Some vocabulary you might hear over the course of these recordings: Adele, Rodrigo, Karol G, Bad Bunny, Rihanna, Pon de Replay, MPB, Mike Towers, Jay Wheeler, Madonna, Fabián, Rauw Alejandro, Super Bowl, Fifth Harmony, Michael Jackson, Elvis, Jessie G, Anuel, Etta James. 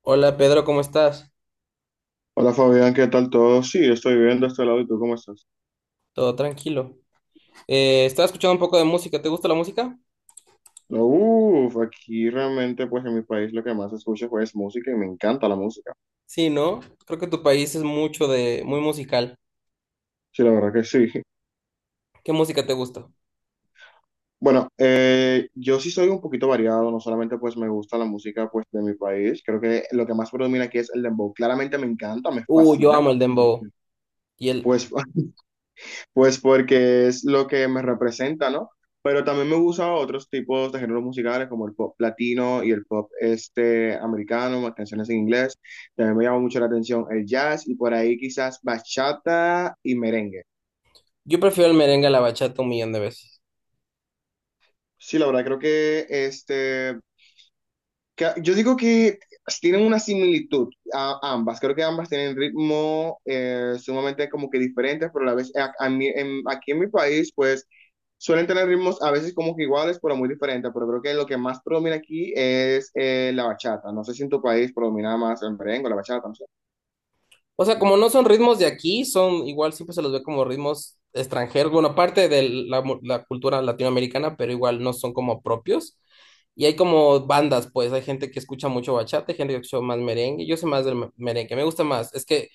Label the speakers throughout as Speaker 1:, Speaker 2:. Speaker 1: Hola Pedro, ¿cómo estás?
Speaker 2: Hola Fabián, ¿qué tal todo? Sí, estoy bien de este lado y tú cómo estás.
Speaker 1: Todo tranquilo. Estaba escuchando un poco de música. ¿Te gusta la música?
Speaker 2: No, Uf, aquí realmente pues en mi país lo que más escucho pues, es música y me encanta la música.
Speaker 1: Sí, ¿no? Creo que tu país es muy musical.
Speaker 2: Sí, la verdad que sí.
Speaker 1: ¿Qué música te gusta?
Speaker 2: Bueno, yo sí soy un poquito variado, no solamente pues me gusta la música pues de mi país, creo que lo que más predomina aquí es el dembow. Claramente me encanta, me
Speaker 1: Yo
Speaker 2: fascina,
Speaker 1: amo el dembow. Y el,
Speaker 2: pues Pues porque es lo que me representa, ¿no? Pero también me gustan otros tipos de géneros musicales como el pop latino y el pop este americano, más canciones en inglés. También me llama mucho la atención el jazz y por ahí quizás bachata y merengue.
Speaker 1: yo prefiero el merengue a la bachata un millón de veces.
Speaker 2: Sí, la verdad creo que yo digo que tienen una similitud a ambas. Creo que ambas tienen ritmo sumamente como que diferentes, pero a la vez aquí en mi país, pues suelen tener ritmos a veces como que iguales, pero muy diferentes. Pero creo que lo que más predomina aquí es la bachata. No sé si en tu país predomina más el merengue, o la bachata, no sé.
Speaker 1: O sea, como no son ritmos de aquí, son igual siempre se los ve como ritmos extranjeros. Bueno, aparte de la cultura latinoamericana, pero igual no son como propios. Y hay como bandas, pues hay gente que escucha mucho bachata, hay gente que escucha más merengue. Yo soy más merengue, me gusta más. Es que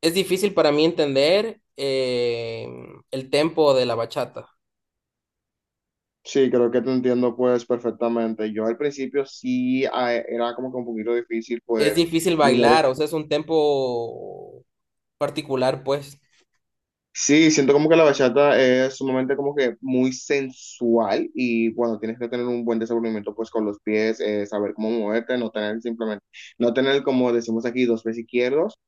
Speaker 1: es difícil para mí entender el tempo de la bachata.
Speaker 2: Sí, creo que te entiendo pues perfectamente. Yo al principio sí era como que un poquito difícil
Speaker 1: Es ya
Speaker 2: pues.
Speaker 1: difícil bailar, o sea, es un tempo particular, pues.
Speaker 2: Sí, siento como que la bachata es sumamente como que muy sensual y bueno, tienes que tener un buen desenvolvimiento pues con los pies, saber cómo moverte, no tener simplemente, no tener como decimos aquí dos pies izquierdos,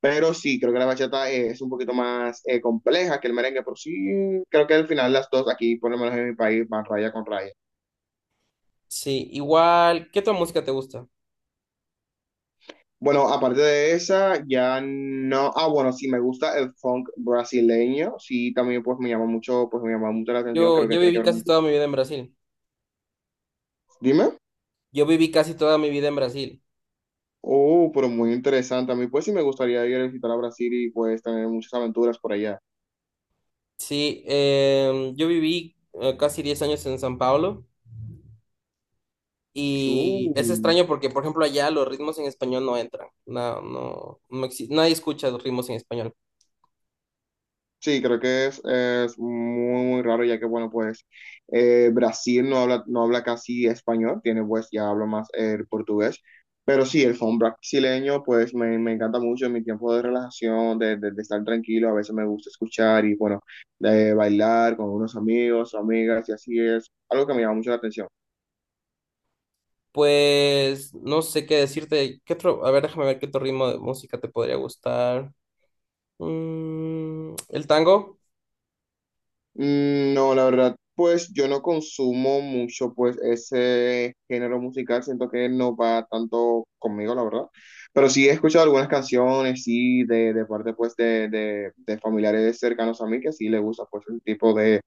Speaker 2: pero sí, creo que la bachata es un poquito más compleja que el merengue, pero sí, creo que al final las dos aquí, por lo menos en mi país, van raya con raya.
Speaker 1: Sí, igual, ¿qué otra música te gusta?
Speaker 2: Bueno, aparte de esa, ya no, ah bueno, sí me gusta el funk brasileño, sí, también pues me llama mucho, pues me llama mucho la atención,
Speaker 1: Yo,
Speaker 2: creo que
Speaker 1: yo
Speaker 2: tiene que
Speaker 1: viví
Speaker 2: ver,
Speaker 1: casi toda mi vida en Brasil.
Speaker 2: dime.
Speaker 1: Yo viví casi toda mi vida en Brasil.
Speaker 2: Oh, pero muy interesante. A mí pues sí me gustaría ir a visitar a Brasil y pues tener muchas aventuras por allá.
Speaker 1: Sí, yo viví casi 10 años en San Pablo y es
Speaker 2: Uh,
Speaker 1: extraño porque, por ejemplo, allá los ritmos en español no entran. Nadie escucha los ritmos en español.
Speaker 2: Sí, creo que es muy, muy raro ya que, bueno, pues Brasil no habla casi español, tiene pues ya habla más el portugués, pero sí, el funk brasileño pues me encanta mucho en mi tiempo de relajación, de estar tranquilo, a veces me gusta escuchar y bueno, de bailar con unos amigos, o amigas y así es algo que me llama mucho la atención.
Speaker 1: Pues no sé qué decirte. ¿Qué otro? A ver, déjame ver qué otro ritmo de música te podría gustar. Mm, ¿el tango?
Speaker 2: No, la verdad, pues yo no consumo mucho pues ese género musical, siento que no va tanto conmigo, la verdad. Pero sí he escuchado algunas canciones, sí, de parte pues de familiares cercanos a mí que sí le gusta pues ese tipo de,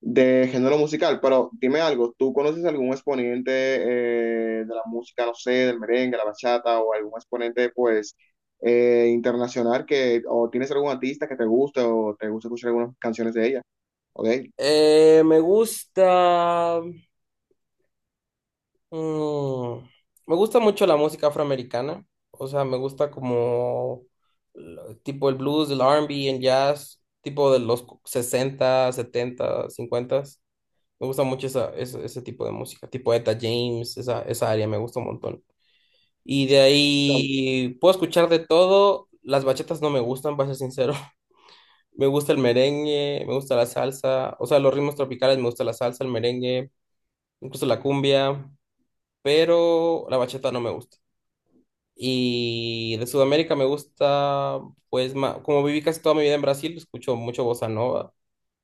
Speaker 2: género musical. Pero dime algo, ¿tú conoces algún exponente de la música, no sé, del merengue, la bachata o algún exponente pues internacional que, o tienes algún artista que te guste o te gusta escuchar algunas canciones de ella? ¿Ok?
Speaker 1: Me gusta. mm, Me gusta mucho la música afroamericana. O sea, me gusta como tipo el blues, el R&B, el jazz, tipo de los 60, 70, 50. Me gusta mucho ese tipo de música, tipo Etta James, esa área me gusta un montón. Y de ahí puedo escuchar de todo. Las bachatas no me gustan, para ser sincero. Me gusta el merengue, me gusta la salsa, o sea, los ritmos tropicales, me gusta la salsa, el merengue, incluso la cumbia, pero la bachata no me gusta. Y de Sudamérica me gusta, pues, como viví casi toda mi vida en Brasil, escucho mucho bossa nova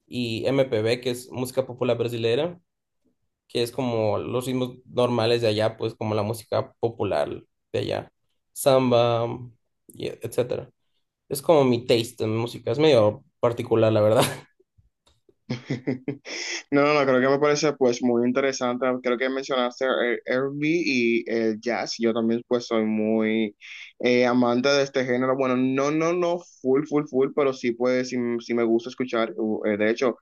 Speaker 1: y MPB, que es música popular brasileña, que es como los ritmos normales de allá, pues como la música popular de allá, samba, etcétera. Es como mi taste en música, es medio particular, la verdad.
Speaker 2: No, no, no creo que me parece pues muy interesante. Creo que mencionaste el R&B y el jazz. Yo también pues soy muy amante de este género. Bueno, no, no, no, full, full, full, pero sí pues sí, sí me gusta escuchar. De hecho,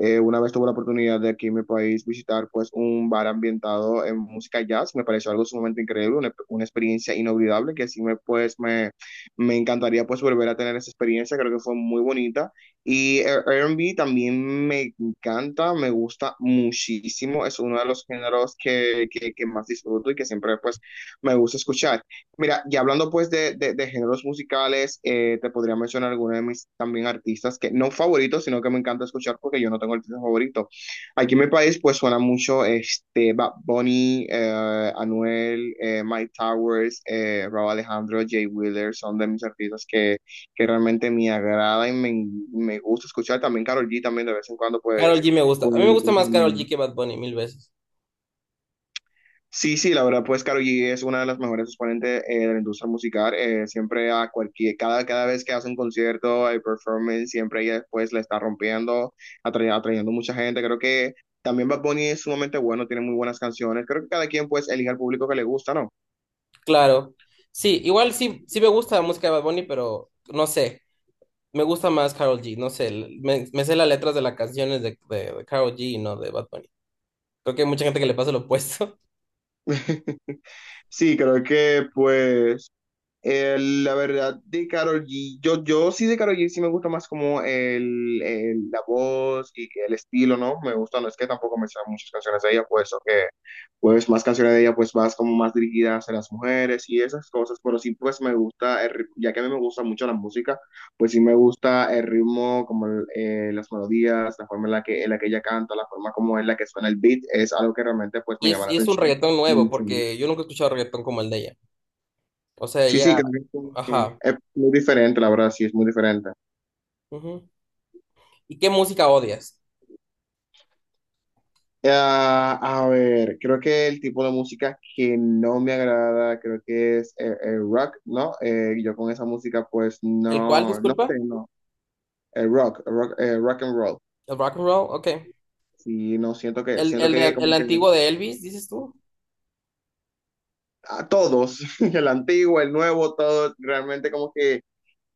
Speaker 2: una vez tuve la oportunidad de aquí en mi país visitar pues un bar ambientado en música jazz. Me pareció algo sumamente increíble, una experiencia inolvidable que sí me encantaría pues volver a tener esa experiencia. Creo que fue muy bonita. Y el R&B también me encanta, me gusta muchísimo, es uno de los géneros que más disfruto y que siempre pues me gusta escuchar. Mira, y hablando pues de géneros musicales, te podría mencionar algunos de mis también artistas que no favoritos, sino que me encanta escuchar porque yo no tengo artista favorito. Aquí en mi país pues suena mucho este Bad Bunny, Anuel, Mike Towers, Rauw Alejandro, Jay Wheeler, son de mis artistas que realmente me agrada y me gusta escuchar. También Karol G también de vez en cuando, pues,
Speaker 1: Karol G me gusta,
Speaker 2: pues,
Speaker 1: a mí me gusta más Karol G
Speaker 2: también.
Speaker 1: que Bad Bunny mil veces,
Speaker 2: Sí, sí, la verdad, pues Karol G es una de las mejores exponentes de la industria musical. Siempre cada vez que hace un concierto, hay performance, siempre ella pues la está rompiendo, atrayendo mucha gente. Creo que también Bad Bunny es sumamente bueno, tiene muy buenas canciones. Creo que cada quien pues elige al público que le gusta, ¿no?
Speaker 1: claro. Sí, igual sí, sí me gusta la música de Bad Bunny, pero no sé, me gusta más Karol G, no sé, me sé las letras de las canciones de Karol G y no de Bad Bunny. Creo que hay mucha gente que le pasa lo opuesto.
Speaker 2: Sí, creo que pues la verdad de Karol G, yo sí de Karol G sí me gusta más como la voz y que el estilo, ¿no? Me gusta, no es que tampoco me sean muchas canciones de ella, pues, o que, pues, más canciones de ella, pues, más como más dirigidas a las mujeres y esas cosas, pero sí, pues, me gusta, ya que a mí me gusta mucho la música, pues sí me gusta el ritmo, las melodías, la forma en la que ella canta, la forma como en la que suena el beat, es algo que realmente, pues, me llama la
Speaker 1: Y es un
Speaker 2: atención.
Speaker 1: reggaetón nuevo, porque yo nunca he escuchado reggaetón como el de ella. O sea,
Speaker 2: Sí,
Speaker 1: ella...
Speaker 2: sí, creo que es como que
Speaker 1: Ajá.
Speaker 2: es muy diferente, la verdad, sí, es muy diferente.
Speaker 1: Ujú. ¿Y qué música odias?
Speaker 2: Ah, a ver, creo que el tipo de música que no me agrada, creo que es el rock, ¿no? Yo con esa música, pues
Speaker 1: ¿El cual,
Speaker 2: no, no sé,
Speaker 1: disculpa?
Speaker 2: no. El rock and roll.
Speaker 1: ¿El rock and roll? Ok.
Speaker 2: Sí, no, siento que, siento
Speaker 1: El,
Speaker 2: que
Speaker 1: el
Speaker 2: como que
Speaker 1: antiguo de Elvis, dices tú?
Speaker 2: a todos, el antiguo, el nuevo, todo, realmente como que.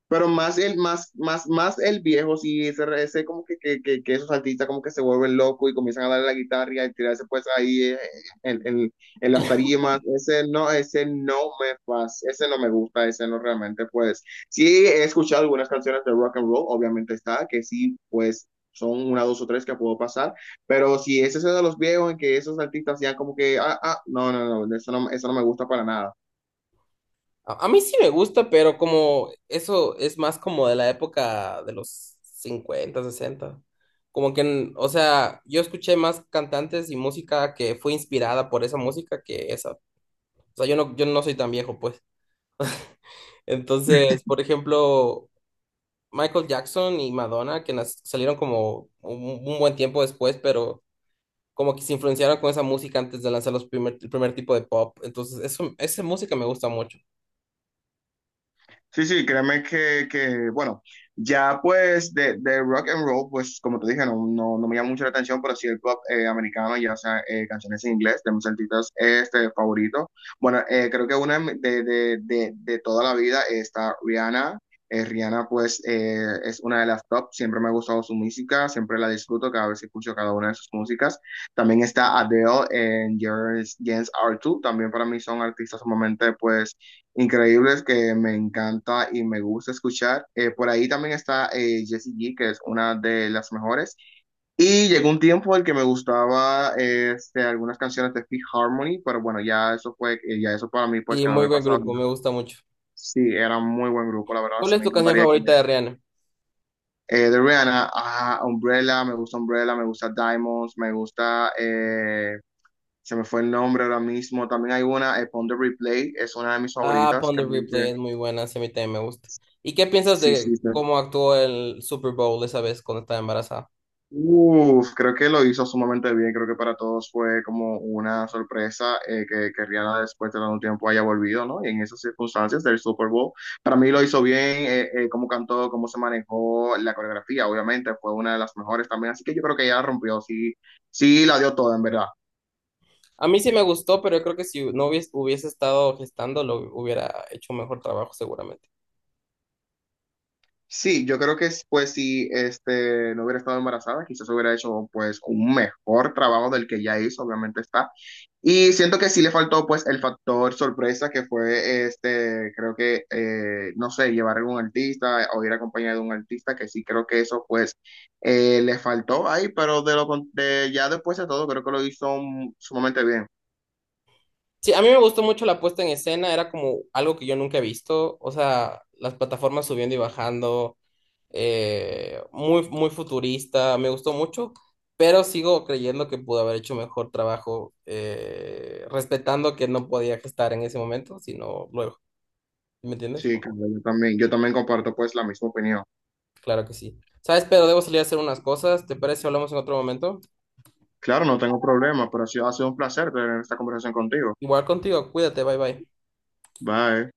Speaker 2: Pero más el viejo, sí, ese como que esos artistas como que se vuelven locos y comienzan a darle la guitarra y a tirarse pues ahí en, en, en las tarimas. Ese no me pasa, ese no me gusta, ese no realmente pues. Sí, he escuchado algunas canciones de rock and roll, obviamente está, que sí, pues son una, dos o tres que puedo pasar, pero si ese es ese de los viejos en que esos artistas ya como que, no, no, no, eso no, eso no me gusta para nada.
Speaker 1: A mí sí me gusta, pero como eso es más como de la época de los cincuenta, sesenta. Como que, o sea, yo escuché más cantantes y música que fue inspirada por esa música que esa. O sea, yo no soy tan viejo, pues. Entonces, por ejemplo, Michael Jackson y Madonna, que salieron como un buen tiempo después, pero como que se influenciaron con esa música antes de lanzar el primer tipo de pop. Entonces, esa música me gusta mucho.
Speaker 2: Sí, sí, créeme que, bueno, ya pues de rock and roll, pues como te dije, no, no, no me llama mucho la atención, pero sí el pop americano, ya sea canciones en inglés de mis artistas favoritos. Bueno, creo que una de, mi- de toda la vida está Rihanna. Rihanna pues es una de las top, siempre me ha gustado su música, siempre la disfruto cada vez que escucho cada una de sus músicas. También está Adele en James r two también para mí son artistas sumamente pues increíbles que me encanta y me gusta escuchar. Por ahí también está Jessie G, que es una de las mejores. Y llegó un tiempo en el que me gustaba algunas canciones de Fifth Harmony, pero bueno, ya eso fue, ya eso para mí pues
Speaker 1: Y
Speaker 2: quedó en
Speaker 1: muy
Speaker 2: el
Speaker 1: buen
Speaker 2: pasado.
Speaker 1: grupo, me
Speaker 2: Ya.
Speaker 1: gusta mucho.
Speaker 2: Sí, era un muy buen grupo, la verdad,
Speaker 1: ¿Cuál
Speaker 2: sí
Speaker 1: es
Speaker 2: me
Speaker 1: tu canción
Speaker 2: encantaría que...
Speaker 1: favorita de Rihanna?
Speaker 2: De Rihanna, Umbrella, me gusta Diamonds, me gusta, se me fue el nombre ahora mismo. También hay una, Pon de Replay, es una de mis
Speaker 1: Ah,
Speaker 2: favoritas.
Speaker 1: Pon the Replay es muy buena, sí, a mí también me gusta. ¿Y qué piensas
Speaker 2: Sí, sí,
Speaker 1: de
Speaker 2: sí.
Speaker 1: cómo actuó el Super Bowl esa vez cuando estaba embarazada?
Speaker 2: Uf, creo que lo hizo sumamente bien. Creo que para todos fue como una sorpresa que Rihanna después de tanto tiempo haya volvido, ¿no? Y en esas circunstancias del Super Bowl. Para mí lo hizo bien, cómo cantó, cómo se manejó la coreografía. Obviamente fue una de las mejores también. Así que yo creo que ella rompió, sí, sí la dio toda, en verdad.
Speaker 1: A mí sí me gustó, pero yo creo que si no hubiese estado gestando, lo hubiera hecho un mejor trabajo seguramente.
Speaker 2: Sí, yo creo que pues si no hubiera estado embarazada, quizás hubiera hecho pues un mejor trabajo del que ya hizo, obviamente está. Y siento que sí le faltó pues el factor sorpresa que fue creo que, no sé, llevar a un artista o ir acompañado de un artista, que sí creo que eso pues le faltó ahí, pero de lo con- de, ya después de todo creo que lo hizo sumamente bien.
Speaker 1: Sí, a mí me gustó mucho la puesta en escena, era como algo que yo nunca he visto, o sea, las plataformas subiendo y bajando, muy futurista, me gustó mucho, pero sigo creyendo que pudo haber hecho mejor trabajo, respetando que no podía gestar en ese momento, sino luego, ¿me entiendes?
Speaker 2: Sí,
Speaker 1: Como,
Speaker 2: claro, yo también comparto pues la misma opinión.
Speaker 1: claro que sí. ¿Sabes? Pero debo salir a hacer unas cosas, ¿te parece si hablamos en otro momento?
Speaker 2: Claro, no tengo problema, pero sí ha sido un placer tener esta conversación contigo.
Speaker 1: Igual contigo, cuídate, bye bye.
Speaker 2: Bye.